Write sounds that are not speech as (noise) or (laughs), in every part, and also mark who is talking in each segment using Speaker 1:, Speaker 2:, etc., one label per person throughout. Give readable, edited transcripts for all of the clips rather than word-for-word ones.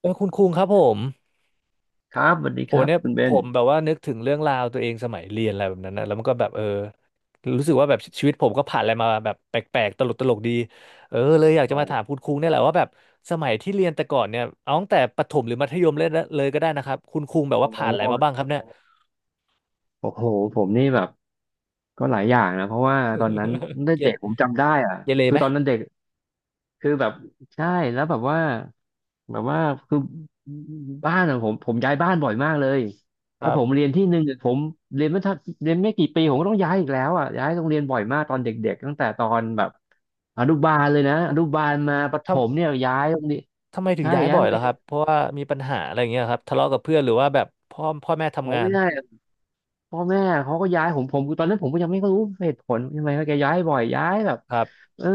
Speaker 1: คุณคุงครับผม
Speaker 2: ครับสวัสดีครับ
Speaker 1: เนี่ย
Speaker 2: คุณเบ
Speaker 1: ผ
Speaker 2: น
Speaker 1: มแบบว่านึกถึงเรื่องราวตัวเองสมัยเรียนอะไรแบบนั้นนะแล้วมันก็แบบรู้สึกว่าแบบชีวิตผมก็ผ่านอะไรมาแบบแปลกๆตลกดีเออเลยอยากจะมาถา
Speaker 2: โอ
Speaker 1: มคุณคุงเนี่ยแหละว่าแบบสมัยที่เรียนแต่ก่อนเนี่ยเอาตั้งแต่ประถมหรือมัธยมเลยก็ได้นะครับคุณคุงแบบ
Speaker 2: โอ
Speaker 1: ว่าผ่านอะไรมาบ้าง
Speaker 2: ้
Speaker 1: ครับเนี่ย
Speaker 2: โอ้โหผมนี่แบบก็หลายอย่างนะเพราะว่าตอนนั้น
Speaker 1: เก
Speaker 2: เด็
Speaker 1: เร
Speaker 2: กผมจำได้อ่ะ
Speaker 1: เกเร
Speaker 2: คือ
Speaker 1: ไหม
Speaker 2: ตอนนั้นเด็กคือแบบใช่แล้วแบบว่าแบบว่าคือบ้านขอะผมย้ายบ้านบ่อยมากเลย
Speaker 1: ค
Speaker 2: แล้ว
Speaker 1: รั
Speaker 2: ผม
Speaker 1: บ
Speaker 2: เรียนที่หนึ่งเนี่ยผมเรียนไม่ทันเรียนไม่กี่ปีผมก็ต้องย้ายอีกแล้วอ่ะย้ายโรงเรียนบ่อยมากตอนเด็กๆตั้งแต่ตอนแบบอนุบาลเลยนะอนุบาลมาประถ
Speaker 1: ทำ
Speaker 2: มเนี่ยย้ายโรงเรียน
Speaker 1: ทำไมถึง
Speaker 2: ใช่
Speaker 1: ย้าย
Speaker 2: ย้าย
Speaker 1: บ่อ
Speaker 2: โร
Speaker 1: ย
Speaker 2: งเรี
Speaker 1: ล่ะ
Speaker 2: ยน
Speaker 1: ครับเพราะว่ามีปัญหาอะไรอย่างเงี้ยครับทะเลาะกับเพื่อนหรือว่าแบบพ่อแม่
Speaker 2: ผ
Speaker 1: ทำ
Speaker 2: ม
Speaker 1: งา
Speaker 2: ไม่
Speaker 1: น
Speaker 2: ได้ พ่อแม่เขาก็ย้ายผมผมตอนนั้นผมก็ยังไม่รู้เหตุผลทำไมว่าแกย้ายบ่อยย้ายแบบ
Speaker 1: ครับ
Speaker 2: เออ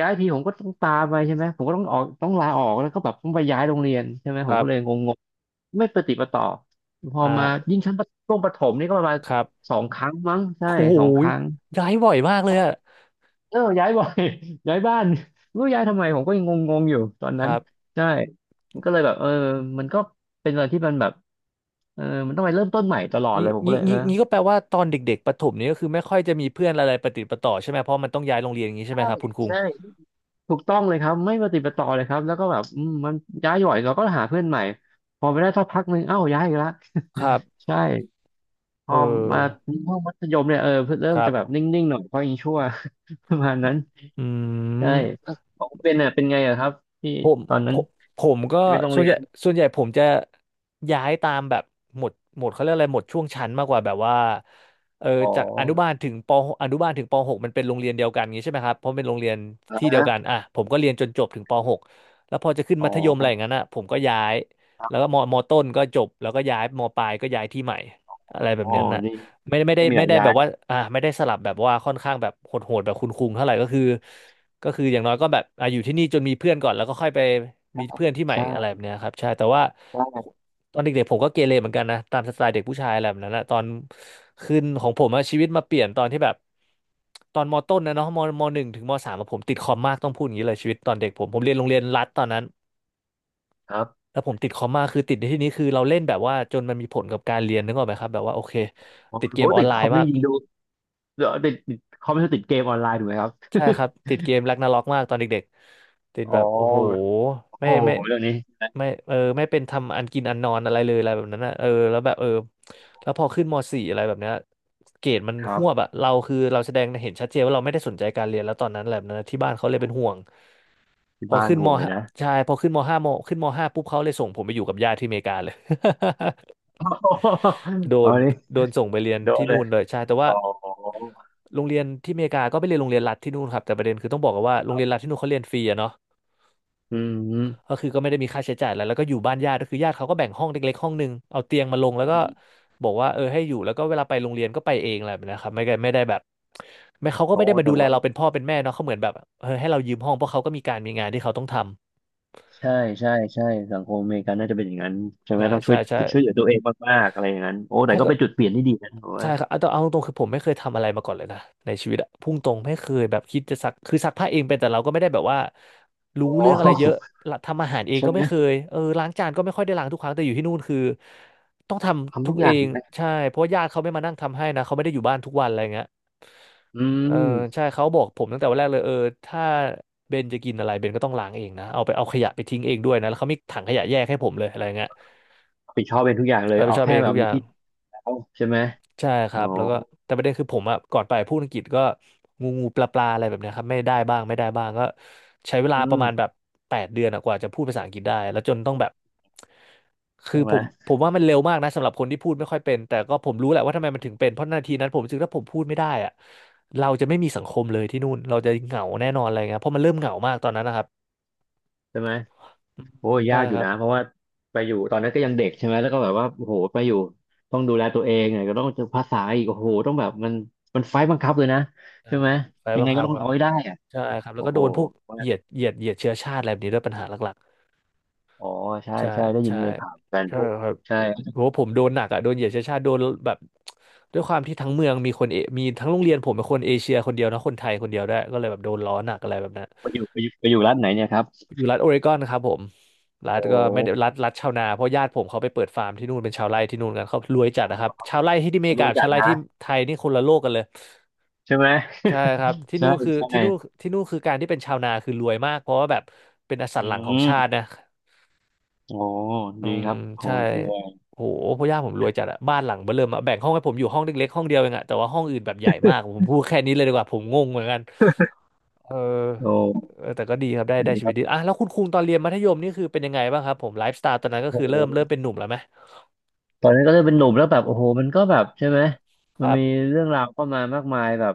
Speaker 2: ย้ายทีผมก็ต้องตามไปใช่ไหมผมก็ต้องออกต้องลาออกแล้วก็แบบต้องไปย้ายโรงเรียนใช่ไหม
Speaker 1: ค
Speaker 2: ผม
Speaker 1: รั
Speaker 2: ก็เลย
Speaker 1: บ
Speaker 2: งงๆไม่ประติดประต่อพอมา
Speaker 1: อ่า
Speaker 2: ยิ่งชั้นประช่วงประถมนี่ก็ประมาณ
Speaker 1: ครับ
Speaker 2: สองครั้งมั้งใช่
Speaker 1: โอ้โห
Speaker 2: สองครั้ง
Speaker 1: ย้ายบ่อยมากเลยอะ
Speaker 2: เออย้ายบ่อย (laughs) ย้ายบ้านไม่รู้ย้ายทำไมผมก็ยังงงๆอยู่ตอน
Speaker 1: ค
Speaker 2: นั้น
Speaker 1: รับ
Speaker 2: ใช่มันก็เลยแบบเออมันก็เป็นอะไรที่มันแบบเออมันต้องไปเริ่มต้นใหม่ตลอดเลยผมก็เลยเออ
Speaker 1: งี้ก็แปลว่าตอนเด็กๆประถมนี้ก็คือไม่ค่อยจะมีเพื่อนอะไรประติดประต่อใช่ไหมเพราะมันต้องย้ายโรงเรียนอย่างนี้ใช่ไหม
Speaker 2: ใช่
Speaker 1: ครับคุณคุง
Speaker 2: ใช่ ถูกต้องเลยครับไม่ปฏิดปะต่อเลยครับแล้วก็แบบอืมมันย้ายหย่อยเราก็หาเพื่อนใหม่พอไปได้สักพักหนึ่งเอ้าย้ายอีกละ
Speaker 1: ครับ
Speaker 2: ใช่พ
Speaker 1: เ
Speaker 2: อมา
Speaker 1: ออ
Speaker 2: ห้องมัธยมเนี่ยเออเพิ่งเริ่
Speaker 1: ค
Speaker 2: ม
Speaker 1: รั
Speaker 2: จะแบบน
Speaker 1: บ
Speaker 2: ิ่งๆหน่อยเพราะยังชั่ว (laughs) ประมาณนั้น
Speaker 1: อื
Speaker 2: ใช่
Speaker 1: ม
Speaker 2: ของเป็นอ่ะเป็นไงอะครับที่
Speaker 1: ผม
Speaker 2: ตอน
Speaker 1: ผ
Speaker 2: นั้น
Speaker 1: มผมก็
Speaker 2: ชีวิตโรง
Speaker 1: ส่วน
Speaker 2: เรี
Speaker 1: ให
Speaker 2: ย
Speaker 1: ญ่
Speaker 2: น
Speaker 1: ส่วนใหญ่ผมจะย้ายตามแบบหมวดเขาเรียกอะไรหมวดช่วงชั้นมากกว่าแบบว่าเออ
Speaker 2: อ๋อ
Speaker 1: จากอนุบาลถึงปอนุบาลถึงป .6 มันเป็นโรงเรียนเดียวกันอย่างงี้ใช่ไหมครับเพราะเป็นโรงเรียน
Speaker 2: นะ
Speaker 1: ที่เดียวกัน
Speaker 2: ฮะ
Speaker 1: อ่ะผมก็เรียนจนจบถึงป .6 แล้วพอจะขึ้น
Speaker 2: อ๋
Speaker 1: มัธยมอะไรอย่าง
Speaker 2: อ
Speaker 1: นั้นอ่ะผมก็ย้าย
Speaker 2: ครั
Speaker 1: แล้วก็
Speaker 2: บ
Speaker 1: มมต้นก็จบแล้วก็ย้ายมปลายก็ย้ายที่ใหม่อะไรแบ
Speaker 2: อ๋
Speaker 1: บ
Speaker 2: อ
Speaker 1: นั้นน่ะ
Speaker 2: นี่ไม่มีห
Speaker 1: ไม่
Speaker 2: ลาย
Speaker 1: ได้
Speaker 2: ย้า
Speaker 1: แบ
Speaker 2: ย
Speaker 1: บว่าไม่ได้สลับแบบว่าค่อนข้างแบบโหดๆแบบคุณคุงเท่าไหร่ก็คือ อย่างน้อยก็แบบอ่ะอยู่ที่นี่จนมีเพื่อนก่อนแล้วก็ค่อยไปมี
Speaker 2: ใช่
Speaker 1: เพื่อนที่ใหม่อะไรแบ
Speaker 2: ใช่
Speaker 1: บเนี้ยครับใช่แต่ว่า
Speaker 2: ใช่
Speaker 1: ตอนเด็กๆผมก็เกเรเหมือนกันนะตามสไตล์เด็กผู้ชายอะไรแบบนั้นนะตอนขึ้นของผมอะชีวิตมาเปลี่ยนตอนที่แบบตอนมต้นนะเนาะมมหนึ่งถึงมสามอะผมติดคอมมากต้องพูดอย่างนี้เลยชีวิตตอนเด็กผมเรียนโรงเรียนรัฐตอนนั้น
Speaker 2: ครับ
Speaker 1: แล้วผมติดคอมมากคือติดในที่นี้คือเราเล่นแบบว่าจนมันมีผลกับการเรียนนึกออกไหมครับแบบว่าโอเค
Speaker 2: โอ้
Speaker 1: ติดเก
Speaker 2: โห
Speaker 1: มออ
Speaker 2: ติ
Speaker 1: น
Speaker 2: ด
Speaker 1: ไล
Speaker 2: คอ
Speaker 1: น์
Speaker 2: ม
Speaker 1: มา
Speaker 2: นี่
Speaker 1: ก
Speaker 2: ยิงดูเดี๋ยวติดคอมไม่ใช่ติดเกมออนไลน์ถูกไหมครับ
Speaker 1: ใช่ครับติดเกมแร็กนาร็อกมากตอนเด็กๆติด
Speaker 2: อ๋อ
Speaker 1: แบบโอ้โหไม่
Speaker 2: โอ้
Speaker 1: ไม่
Speaker 2: โหเรื่องนี้
Speaker 1: ไม่ไม่เป็นทำอันกินอันนอนอะไรเลยอะไรแบบนั้นนะเออแล้วแบบเออแล้วพอขึ้นม .4 อะไรแบบเนี้ยเกรดมัน
Speaker 2: ค
Speaker 1: ห
Speaker 2: รับ
Speaker 1: วบอะเราแสดงเห็นชัดเจนว่าเราไม่ได้สนใจการเรียนแล้วตอนนั้นอะไรแหละนนะที่บ้านเขาเลยเป็นห่วง
Speaker 2: ที่
Speaker 1: พอ
Speaker 2: บ้าน
Speaker 1: ขึ้น
Speaker 2: ห่
Speaker 1: ม
Speaker 2: วงเลย
Speaker 1: .5
Speaker 2: นะ
Speaker 1: ใช่พอขึ้นม .5 มขึ้นม .5 ปุ๊บเขาเลยส่งผมไปอยู่กับญาติที่อเมริกาเลย (laughs)
Speaker 2: (laughs)
Speaker 1: โด
Speaker 2: โอ้โหเอา
Speaker 1: น
Speaker 2: นี่
Speaker 1: โดนส่งไปเรียน
Speaker 2: โดน
Speaker 1: ที่
Speaker 2: เล
Speaker 1: นู่
Speaker 2: ย
Speaker 1: นเลยใช่แต่ว่า
Speaker 2: อ๋อ
Speaker 1: โรงเรียนที่อเมริกาก็ไปเรียนโรงเรียนรัฐที่นู่นครับแต่ประเด็นคือต้องบอกกอนว่าโรงเรียนรัฐที่นู่นเขาเรียนฟรีอะเนาะ
Speaker 2: อืมอืม
Speaker 1: ก็คือก็ไม่ได้มีค่าใช้จ่ายอะไรแล้วก็อยู่บ้านญาติก็คือญาติเขาก็แบ่งห้องเล็กๆห้องหนึ่งเอาเตียงมาลงแล้วก็บอกว่าเออให้อยู่แล้วก็เวลาไปโรงเรียนก็ไปเองอะไรแบบนะครับไม่ได้ไม่ได้แบบไม่เขาก็
Speaker 2: โอ้
Speaker 1: ไม่ได้มา
Speaker 2: แต่
Speaker 1: ดูแล
Speaker 2: ว่า
Speaker 1: เราเป็นพ่อเป็นแม่เนาะเขาเหมือนแบบเออให้เรายืมห้องเพราะเขาก็มีงานที่เขาต้องทำ
Speaker 2: ใช่ใช่สังคมอเมริกันน่าจะเป็นอย่างนั้นใช่ไหมต้องช่วย
Speaker 1: ใช
Speaker 2: ช่วยเหลือตัวเองมากๆอะไรอย่างนั้นโอ้แต่ก็
Speaker 1: ่
Speaker 2: เป็นจุดเปลี่ยนที่ดีนะผม
Speaker 1: ใช่
Speaker 2: ว่า
Speaker 1: ครับเอาตรงๆคือผมไม่เคยทำอะไรมาก่อนเลยนะในชีวิตอะพุ่งตรงไม่เคยแบบคิดจะซักคือซักผ้าเองเป็นแต่เราก็ไม่ได้แบบว่ารู้
Speaker 2: โอ้
Speaker 1: เรื่องอะไรเยอะละทำอาหารเอง
Speaker 2: ใช่
Speaker 1: ก็
Speaker 2: ไหม
Speaker 1: ไม่เคยเออล้างจานก็ไม่ค่อยได้ล้างทุกครั้งแต่อยู่ที่นู่นคือต้องทำ
Speaker 2: ทำ
Speaker 1: ทุ
Speaker 2: ทุ
Speaker 1: ก
Speaker 2: กอ
Speaker 1: เอ
Speaker 2: ย่าง
Speaker 1: ง
Speaker 2: นะ
Speaker 1: ใช่เพราะว่าญาติเขาไม่มานั่งทำให้นะเขาไม่ได้อยู่บ้านทุกวันอะไรเงี้ย
Speaker 2: อื
Speaker 1: เออ
Speaker 2: ม
Speaker 1: ใช่เขาบอกผมตั้งแต่วันแรกเลยเออถ้าเบนจะกินอะไรเบนก็ต้องล้างเองนะเอาขยะไปทิ้งเองด้วยนะแล้วเขามีถังขยะแยกให้ผมเลยอะไรเงี้ย
Speaker 2: รับผิดชอบเป็นทุกอย่างเลย
Speaker 1: รับผิด
Speaker 2: เอา
Speaker 1: ชอบเอ
Speaker 2: แค่
Speaker 1: ง
Speaker 2: แบ
Speaker 1: ทุ
Speaker 2: บ
Speaker 1: กอ
Speaker 2: มี
Speaker 1: ย่าง
Speaker 2: ที่อยู่แล้วใช่ไหม
Speaker 1: ใช่ค
Speaker 2: โอ้
Speaker 1: รับแล้วก็แต่ประเด็นคือผมอะก่อนไปพูดอังกฤษก็งูงูปลาปลาอะไรแบบเนี้ยครับไม่ได้บ้างไม่ได้บ้างก็ใช้เวลา
Speaker 2: อื
Speaker 1: ประ
Speaker 2: ม
Speaker 1: มาณแบบแปดเดือนอะกว่าจะพูดภาษาอังกฤษได้แล้วจนต้องแบบคือ
Speaker 2: ใช่ไห
Speaker 1: ผ
Speaker 2: ม
Speaker 1: มผมว่ามันเร็วมากนะสำหรับคนที่พูดไม่ค่อยเป็นแต่ก็ผมรู้แหละว่าทำไมมันถึงเป็นเพราะนาทีนั้นผมรู้สึกถ้าผมพูดไม่ได้อะเราจะไม่มีสังคมเลยที่นู่นเราจะเหงาแน่นอนอะไรเงี้ยเพราะมันเริ่มเหงามากตอนนั้นนะครับ
Speaker 2: ใช่ไหม
Speaker 1: อืม
Speaker 2: โอ้ย
Speaker 1: ใช่
Speaker 2: ยากอ
Speaker 1: ค
Speaker 2: ยู่
Speaker 1: รับ
Speaker 2: นะเพราะว่าไปอยู่ตอนนั้นก็ยังเด็กใช่ไหมแล้วก็แบบว่าโอ้โหไปอยู่ต้องดูแลตัวเองไงก็ต้องเจอภาษาอีกโอ้โหต้องแบบมันมันไฟต์บังคับเลยนะ
Speaker 1: ใช่
Speaker 2: ใช่ไห
Speaker 1: ค
Speaker 2: ม
Speaker 1: รับไฟ
Speaker 2: ยัง
Speaker 1: บั
Speaker 2: ไง
Speaker 1: ง
Speaker 2: ก็
Speaker 1: คับ
Speaker 2: ต้อง
Speaker 1: ครับ
Speaker 2: เอาให้ได้อะ
Speaker 1: ใช่ครับแล้ว
Speaker 2: โอ้
Speaker 1: ก็
Speaker 2: โห
Speaker 1: โดนพวก
Speaker 2: ว่า
Speaker 1: เหยียดเชื้อชาติอะไรแบบนี้ด้วยปัญหาหลัก
Speaker 2: อ๋อใช่
Speaker 1: ใช่
Speaker 2: ใช่ได้ยิน
Speaker 1: ใช่
Speaker 2: ในข่าวกัน
Speaker 1: ใช่
Speaker 2: พวก
Speaker 1: (laughs) ครับ
Speaker 2: ใช่
Speaker 1: โหผมโดนหนักอ่ะโดนเหยียดเชื้อชาติโดนแบบด้วยความที่ทั้งเมืองมีคนเอมีทั้งโรงเรียนผมเป็นคนเอเชียคนเดียวนะคนไทยคนเดียวด้วยก็เลยแบบโดนล้อหนักอะไรแบบนั้น
Speaker 2: ไปอยู่ไปอยู่ร้านไหนเนี่ยครับ
Speaker 1: อยู่รัฐโอเรกอนนะครับผมรั
Speaker 2: โอ
Speaker 1: ฐก็ไม่ได้
Speaker 2: ้
Speaker 1: รัฐชาวนาเพราะญาติผมเขาไปเปิดฟาร์มที่นู่นเป็นชาวไร่ที่นู่นกันเขารวยจัดนะครับชาวไร่ที่อ
Speaker 2: ค
Speaker 1: เม
Speaker 2: น
Speaker 1: ริกา
Speaker 2: รู้
Speaker 1: กับ
Speaker 2: จั
Speaker 1: ชา
Speaker 2: ก
Speaker 1: วไร่
Speaker 2: นะ
Speaker 1: ที่ไทยนี่คนละโลกกันเลย
Speaker 2: ใช่ไหม
Speaker 1: ใช่ครับ
Speaker 2: (laughs)
Speaker 1: ที่
Speaker 2: ใช่
Speaker 1: นู่นคือ
Speaker 2: ใช่
Speaker 1: ที่นู่นคือการที่เป็นชาวนาคือรวยมากเพราะว่าแบบเป็นอสั
Speaker 2: อื
Speaker 1: นหลังของ
Speaker 2: ม
Speaker 1: ชาตินะ
Speaker 2: โอ้
Speaker 1: อื
Speaker 2: ดี
Speaker 1: ม
Speaker 2: ครับโอ้
Speaker 1: ใช่
Speaker 2: ดีเลย
Speaker 1: โหพ่อย่าผมรวยจัดอะบ้านหลังเบ้อเริ่มอะแบ่งห้องให้ผมอยู่ห้องเล็กๆห้องเดียวเองอะแต่ว่าห้องอื่นแบบใหญ่มากผมพูดแค่นี้เลยดีกว่าผมงงเหมือนกันเออ
Speaker 2: โอ้
Speaker 1: เออแต่ก็ดีครับได้ได้
Speaker 2: ดี
Speaker 1: ชี
Speaker 2: ค
Speaker 1: วิ
Speaker 2: รั
Speaker 1: ตดี
Speaker 2: บ
Speaker 1: อ่ะแล้วคุณคุงตอนเรียนมัธยมนี่คือเป็นยังไงบ้างครับผมไลฟ์สไตล์ตอนนั้นก็
Speaker 2: โอ
Speaker 1: คือเริ่ม
Speaker 2: ้
Speaker 1: เป็นหนุ่มแล้วไหม
Speaker 2: ตอนนั้นก็เริ่มเป็นหนุ่มแล้วแบบโอ้โหมันก็แบบใช่ไหม
Speaker 1: ค
Speaker 2: มัน
Speaker 1: รับ
Speaker 2: มีเรื่องราวเข้ามามากมายแบบ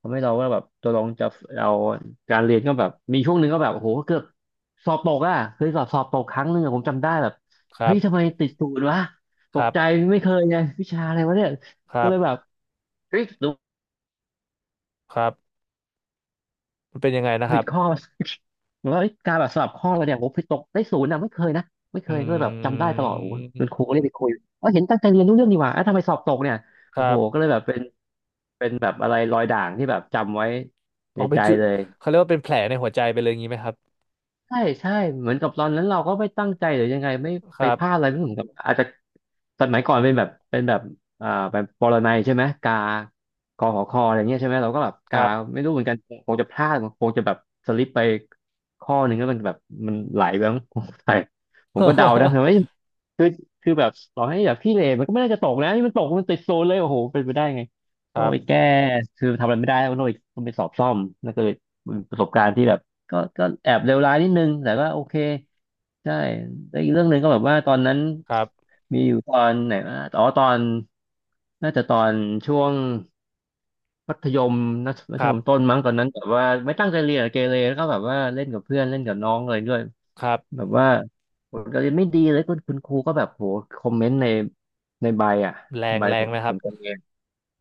Speaker 2: ทำให้เราว่าแบบตัวลองจะเราการเรียนก็แบบมีช่วงหนึ่งก็แบบโอ้โหเกือบสอบตกอ่ะเคยสอบตกครั้งหนึ่งอะผมจำได้แบบ
Speaker 1: ครั
Speaker 2: เฮ้ยทำไม
Speaker 1: บ
Speaker 2: ติดศูนย์วะ
Speaker 1: ค
Speaker 2: ต
Speaker 1: รั
Speaker 2: กใจ
Speaker 1: บ
Speaker 2: ไม่เคยไงวิชาอะไรวะเนี่ย
Speaker 1: ค
Speaker 2: ก็
Speaker 1: รับ
Speaker 2: เลยแบบเฮ้ยดู
Speaker 1: ครับมันเป็นยังไงนะครับ
Speaker 2: เหมือนว่าเอ้ยการแบบสอบข้ออะไรเนี่ยโอ้โหไปตกได้ศูนย์อ่ะไม่เคยนะไม่เค
Speaker 1: อื
Speaker 2: ยก็เลยแบบจำได้ตลอดโอ้โหเป็น
Speaker 1: ม
Speaker 2: ครูก็เรียกไปคุยเออเห็นตั้งใจเรียนรู้เรื่องดีหว่าเอ้าทำไมสอบตกเนี่ย
Speaker 1: ค
Speaker 2: โอ้
Speaker 1: รั
Speaker 2: โหก็
Speaker 1: บ
Speaker 2: เลยแบบเป็น เป็นแบบอะไรรอยด่างที่แบบจำไว้ใน
Speaker 1: เอาเป็
Speaker 2: ใจ
Speaker 1: นจุด
Speaker 2: เลย
Speaker 1: เขาเรียกว่าเป็นแผลในหัวใจไปเลยอย่างนี้ไหมครับ
Speaker 2: ใช่เหมือนกับตอนนั้นเราก็ไม่ตั้งใจหรือยังไงไม่
Speaker 1: ค
Speaker 2: ไป
Speaker 1: รับ
Speaker 2: พลาดอะไรไม่เหมือนกับอาจจะ สมัยก่อนเป็นแบบอ่าแบบปรนัยใช่ไหมกากอหอคออะไรเงี้ยใช่ไหมเราก็แบบ
Speaker 1: ค
Speaker 2: กา
Speaker 1: รับ
Speaker 2: ไม่รู้เหมือนกันคงจะพลาดคงจะแบบสลิปไปข้อหนึ่งแล้วมันแบบมันไหลไปมั้ง (laughs) ผมใส่ผมก็เดานะแต่ว่าเอ้ยคือคือแบบต่อให้แบบพี่เลมันก็ไม่น่าจะตกนะนี่มันตกมันติดโซนเลยโอ้โหเป็นไปได้ไง
Speaker 1: (laughs) ค
Speaker 2: ต้อ
Speaker 1: รั
Speaker 2: งไป
Speaker 1: บ
Speaker 2: แก้คือทำอะไรไม่ได้ต้องไปสอบซ่อมนั่นก็เลยเป็นประสบการณ์ที่แบบก็ก็แอบเลวร้ายนิดนึงแต่ก็โอเคใช่ แล้วอีกเรื่องหนึ่งก็แบบว่าตอนนั้น
Speaker 1: ครับ
Speaker 2: มีอยู่ตอนไหนวะอ๋อตอนน่าจะตอนช่วงมัธยมนะมัธ
Speaker 1: ครั
Speaker 2: ยมต้น
Speaker 1: บ
Speaker 2: มั้งตอนนั้นแบบว่าไม่ตั้งใจเรียนอะเกเรแล้วก็แบบว่าเล่นกับเพื่อนเล่นกับน้องอะไรด้วย
Speaker 1: ครั
Speaker 2: แบ
Speaker 1: บ
Speaker 2: บว่าผลการเรียนไม่ดีเลยคุณครูก็แบบโหคอมเมนต์ในใบอ่ะ
Speaker 1: แรง
Speaker 2: ใบ
Speaker 1: แร
Speaker 2: ผ
Speaker 1: ง
Speaker 2: ล
Speaker 1: ไหมครับ
Speaker 2: การเรียน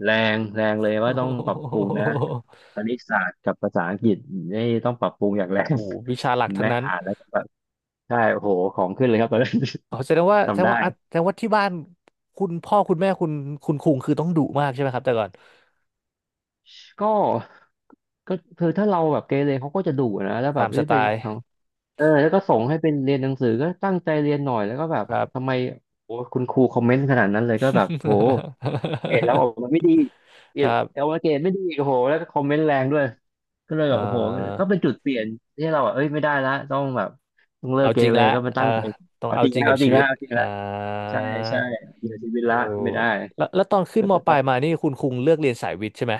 Speaker 2: แรงแรงเลย
Speaker 1: (laughs) โอ้
Speaker 2: ว่าต้องปรับปรุงนะคณิตศาสตร์กับภาษาอังกฤษนี่ต้องปรับปรุงอย่างแรง
Speaker 1: โหวิชาหลัก
Speaker 2: (laughs)
Speaker 1: ทั้ง
Speaker 2: แม่
Speaker 1: นั้น
Speaker 2: อ่านแล้วก็แบบใช่โหของขึ้นเลยครับตอนนั้น
Speaker 1: อ๋อ
Speaker 2: (laughs) ทำได้
Speaker 1: แสดงว่าที่บ้านคุณพ่อคุณแม่คุณคุงคือต้องดุมากใช่ไหมครับแต่ก่อน
Speaker 2: ก็ก็คือถ้าเราแบบเกเรเขาก็จะดุนะแล้วแบ
Speaker 1: ตา
Speaker 2: บ
Speaker 1: มสไต
Speaker 2: ไป
Speaker 1: ล์
Speaker 2: ทางเออแล้วก็ส่งให้เป็นเรียนหนังสือก็ตั้งใจเรียนหน่อยแล้วก็แบบ
Speaker 1: ครับ
Speaker 2: ทำไมโอ้คุณครูคอมเมนต์ขนาดนั้นเลยก็แบบโหเกรดแล้วออกมาไม่ดีเก
Speaker 1: (laughs)
Speaker 2: ร
Speaker 1: ค
Speaker 2: ด
Speaker 1: รับ
Speaker 2: เอามาเกรดไม่ดีโอ้โหแล้วก็คอมเมนต์แรงด้วยก็เลย
Speaker 1: เอ่
Speaker 2: แบบโอ้โห
Speaker 1: อ
Speaker 2: ก็เป็นจุดเปลี่ยนที่เราแบบเอ้ยไม่ได้ละต้องแบบต้องเลิ
Speaker 1: เอา
Speaker 2: กเก
Speaker 1: จริง
Speaker 2: เร
Speaker 1: ละ
Speaker 2: ก็มา
Speaker 1: อ่า
Speaker 2: ตั้งใจ
Speaker 1: ต้อง
Speaker 2: เอา
Speaker 1: เอา
Speaker 2: จริง
Speaker 1: จริ
Speaker 2: แล้
Speaker 1: ง
Speaker 2: ว
Speaker 1: กับ
Speaker 2: เอาจ
Speaker 1: ชี
Speaker 2: ริง
Speaker 1: วิ
Speaker 2: แล้ว
Speaker 1: ต
Speaker 2: เอาจริง
Speaker 1: อ่า
Speaker 2: แล้วใช่ใช่เริชีวิต
Speaker 1: โอ้
Speaker 2: ละไม่ได้
Speaker 1: แล้วแล้วตอนขึ้น
Speaker 2: ก็
Speaker 1: มปลายมานี่คุณคุงเลือกเรียนสายวิทย์ใช่ไหม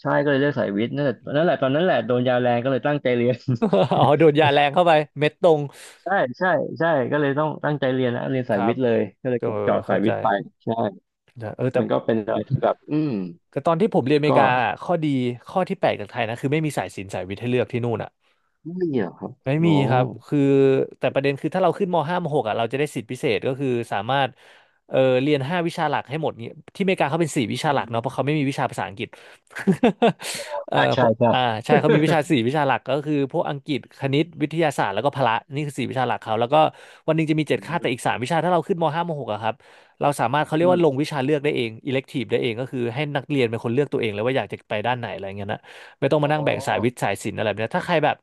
Speaker 2: ใช่ก็เลยเลือกสายวิทย์นั่นแหละนั่นแหละตอนนั้นแหละโดนยาแรงก็เลยตั้งใจเรียน
Speaker 1: (laughs) อ๋อโดนยาแรงเข้าไปเม็ดตรง
Speaker 2: ใช่ใช่ใช่ก็เลยต้องตั้งใจเรียนนะเรียน
Speaker 1: ค
Speaker 2: สาย
Speaker 1: รั
Speaker 2: วิ
Speaker 1: บ
Speaker 2: ทย์เลยก็เลย
Speaker 1: เออ
Speaker 2: เจาะสา
Speaker 1: เข้า
Speaker 2: ยวิ
Speaker 1: ใจ
Speaker 2: ทย์ไปใช่
Speaker 1: นะเออแต่
Speaker 2: มันก็เป็นอะไรที่แบบอืม
Speaker 1: แต่ตอนที่ผมเรียนอเมริ
Speaker 2: ก็
Speaker 1: กาข้อดีข้อที่แปลกจากไทยนะคือไม่มีสายศิลป์สายวิทย์ให้เลือกที่นู่นอ่ะ
Speaker 2: ไม่เหรอครับ
Speaker 1: ไม่
Speaker 2: โอ้
Speaker 1: มีครับคือแต่ประเด็นคือถ้าเราขึ้นม .5 มหกอ่ะเราจะได้สิทธิพิเศษก็คือสามารถเออเรียนห้าวิชาหลักให้หมดเนี่ยที่อเมริกาเขาเป็นสี่วิชา
Speaker 2: อื
Speaker 1: หลักเนาะเพ
Speaker 2: ม
Speaker 1: ราะเขาไม่มีวิชาภาษาอังกฤษ
Speaker 2: อ๋อ
Speaker 1: (laughs) เออ
Speaker 2: ใช่
Speaker 1: เพ
Speaker 2: ใช่
Speaker 1: ราะ
Speaker 2: ใช่
Speaker 1: อ่าใช่เขามีวิชาสี่
Speaker 2: (laughs)
Speaker 1: วิชาหลักก็คือพวกอังกฤษคณิตวิทยาศาสตร์แล้วก็พละนี่คือสี่วิชาหลักเขาแล้วก็วันหนึงจะมี
Speaker 2: อื
Speaker 1: เจ็ดคาบแต่
Speaker 2: ม
Speaker 1: อีกสามวิชาถ้าเราขึ้นม .5 มหกอะครับเราสามารถเขาเรี
Speaker 2: อื
Speaker 1: ยกว่า
Speaker 2: ม
Speaker 1: ลงวิชาเลือกได้เอง elective ได้เองก็คือให้นักเรียนเป็นคนเลือกตัวเองเลยว่าอยากจะไปด้านไหนอะไรเงี้ยนะ ไม่ต้อง
Speaker 2: อ๋
Speaker 1: มา
Speaker 2: อ
Speaker 1: นั่งแบ่งสายวิทย์สายศิลป์อะไรแบบเนี้ยถ้าใครแบบ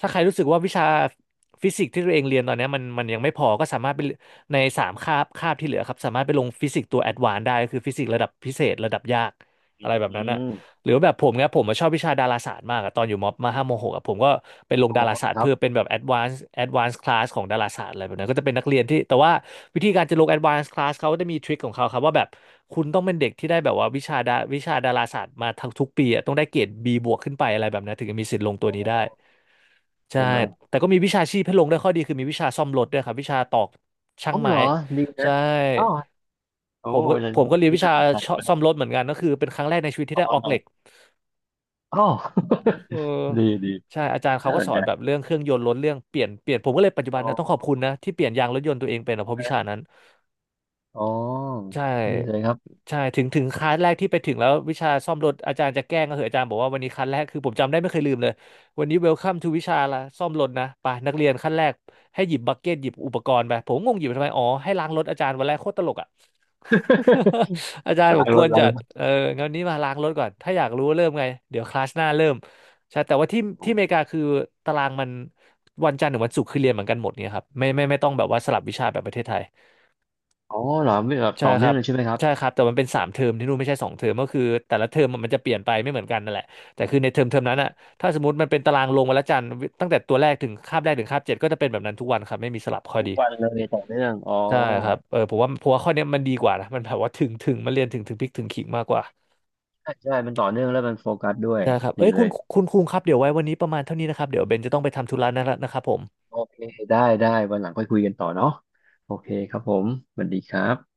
Speaker 1: ถ้าใครรู้สึกว่าวิชาฟิสิกส์ที่ตัวเองเรียนตอนเนี้ยมันยังไม่พอก็สามารถไปในสามคาบคาบที่เหลือครับสามารถไปลงฟิสิกส์ตัวแอดวานซ์ได้ก็คือฟิสิกส์ระดับพิเศษระดับยากอะไรแบบ
Speaker 2: อื
Speaker 1: นั้นอะ
Speaker 2: ม
Speaker 1: หรือแบบผมเนี่ยผมอะชอบวิชาดาราศาสตร์มากอะตอนอยู่มมห้ามหกอะผมก็ไปลง
Speaker 2: อ๋อ
Speaker 1: ดาราศาสต
Speaker 2: ค
Speaker 1: ร์
Speaker 2: รั
Speaker 1: เพื่
Speaker 2: บ
Speaker 1: อเป็นแบบ advanced class ของดาราศาสตร์อะไรแบบนั้นก็จะเป็นนักเรียนที่แต่ว่าวิธีการจะลง advanced class เขาก็จะมีทริคของเขาครับว่าแบบคุณต้องเป็นเด็กที่ได้แบบว่าวิชาดาราศาสตร์มาทั้งทุกปีอะต้องได้เกรด B บวกขึ้นไปอะไรแบบนั้นถึงจะมีสิทธิ์ลงตัว
Speaker 2: อ๋อ
Speaker 1: นี้ได้ใช่
Speaker 2: ใช่ไหม
Speaker 1: แต่ก็มีวิชาชีพให้ลงได้วยข้อดีคือมีวิชาซ่อมรถด้วยครับวิชาตอกช่า
Speaker 2: อ๋
Speaker 1: ง
Speaker 2: อเหร
Speaker 1: ไม้
Speaker 2: อดีนะ
Speaker 1: ใช่
Speaker 2: อ๋อโอ้
Speaker 1: ผมก็
Speaker 2: เป็นอะไร
Speaker 1: ผมก็เรียน
Speaker 2: ที่
Speaker 1: วิชา
Speaker 2: น่าสนใจมา
Speaker 1: ซ่อมร
Speaker 2: ก
Speaker 1: ถเหมือนกันก็คือเป็นครั้งแรกในชีวิตที่
Speaker 2: อ๋
Speaker 1: ได้ออกเหล็ก
Speaker 2: ออ๋อ
Speaker 1: เออ
Speaker 2: (laughs) ดีดี
Speaker 1: ใช่อาจารย์เขา
Speaker 2: น่า
Speaker 1: ก็
Speaker 2: ส
Speaker 1: ส
Speaker 2: น
Speaker 1: อ
Speaker 2: ใจ
Speaker 1: นแบบเรื่องเครื่องยนต์ล้นเรื่องเปลี่ยนผมก็เลยปัจจุบั
Speaker 2: อ๋
Speaker 1: นนะต้องขอบ
Speaker 2: อ
Speaker 1: คุณนะที่เปลี่ยนยางรถยนต์ตัวเองเป็นอะเพราะวิชานั้น
Speaker 2: อ๋อ
Speaker 1: ใช่
Speaker 2: นี่เลยครับ
Speaker 1: ใช่ถึงคลาสแรกที่ไปถึงแล้ววิชาซ่อมรถอาจารย์จะแกล้งก็เหอะอาจารย์บอกว่าวันนี้คลาสแรกคือผมจำได้ไม่เคยลืมเลยวันนี้เวลคัมทูวิชาละซ่อมรถนะไปนักเรียนขั้นแรกให้หยิบบักเก็ตหยิบอุปกรณ์ไปผมงงหยิบไปทำไมอ๋อให้ล้างรถอาจารย์วันแรกโคตรตลกอ่ะ (laughs) อาจาร
Speaker 2: (laughs)
Speaker 1: ย์บ
Speaker 2: ล้า
Speaker 1: อก
Speaker 2: ง
Speaker 1: ก
Speaker 2: ร
Speaker 1: ว
Speaker 2: ถ
Speaker 1: น
Speaker 2: ล้า
Speaker 1: จั
Speaker 2: ง
Speaker 1: ด
Speaker 2: รถ
Speaker 1: เออนี้มาล้างรถก่อนถ้าอยากรู้ว่าเริ่มไงเดี๋ยวคลาสหน้าเริ่มใช่แต่ว่าที่อเมริกาคือตารางมันวันจันทร์ถึงวันศุกร์คือเรียนเหมือนกันหมดเนี่ยครับไม่ต้องแบบว่าสลับวิชาแบบประเทศไทย
Speaker 2: อ๋อเหรอไม่แบบ
Speaker 1: ใช่
Speaker 2: ต่อ
Speaker 1: ค
Speaker 2: เนื่อ
Speaker 1: รั
Speaker 2: ง
Speaker 1: บ
Speaker 2: เลยใช่ไหมครับ
Speaker 1: ใช่ครับแต่มันเป็นสามเทอมที่นู่นไม่ใช่สองเทอมก็คือแต่ละเทอมมันจะเปลี่ยนไปไม่เหมือนกันนั่นแหละแต่คือในเทอมนั้นอะถ้าสมมติมันเป็นตารางลงวันละจันทร์ตั้งแต่ตัวแรกถึงคาบเจ็ดก็จะเป็นแบบนั้นทุกวันครับไม่มีสลับข้อ
Speaker 2: ทุก
Speaker 1: ดี
Speaker 2: วันเลยต่อเนื่องอ๋อ
Speaker 1: ใช่ครับเออผมว่าข้อเนี้ยมันดีกว่านะมันแบบว่าถึงถึงมันเรียนถึงถึงพริกถึงขิงมากกว่า
Speaker 2: ใช่ใช่มันต่อเนื่องแล้วมันโฟกัสด้วย
Speaker 1: ใช่ครับ
Speaker 2: ดี
Speaker 1: เอ้ย
Speaker 2: เล
Speaker 1: คุณ
Speaker 2: ย
Speaker 1: คุณคุงครับเดี๋ยวไว้วันนี้ประมาณเท่านี้นะครับเดี๋ยวเบนจะต้องไปทำธุระนะนะครับผม
Speaker 2: โอเคได้ได้วันหลังค่อยคุยกันต่อเนาะโอเคครับผมสวัสดีครับ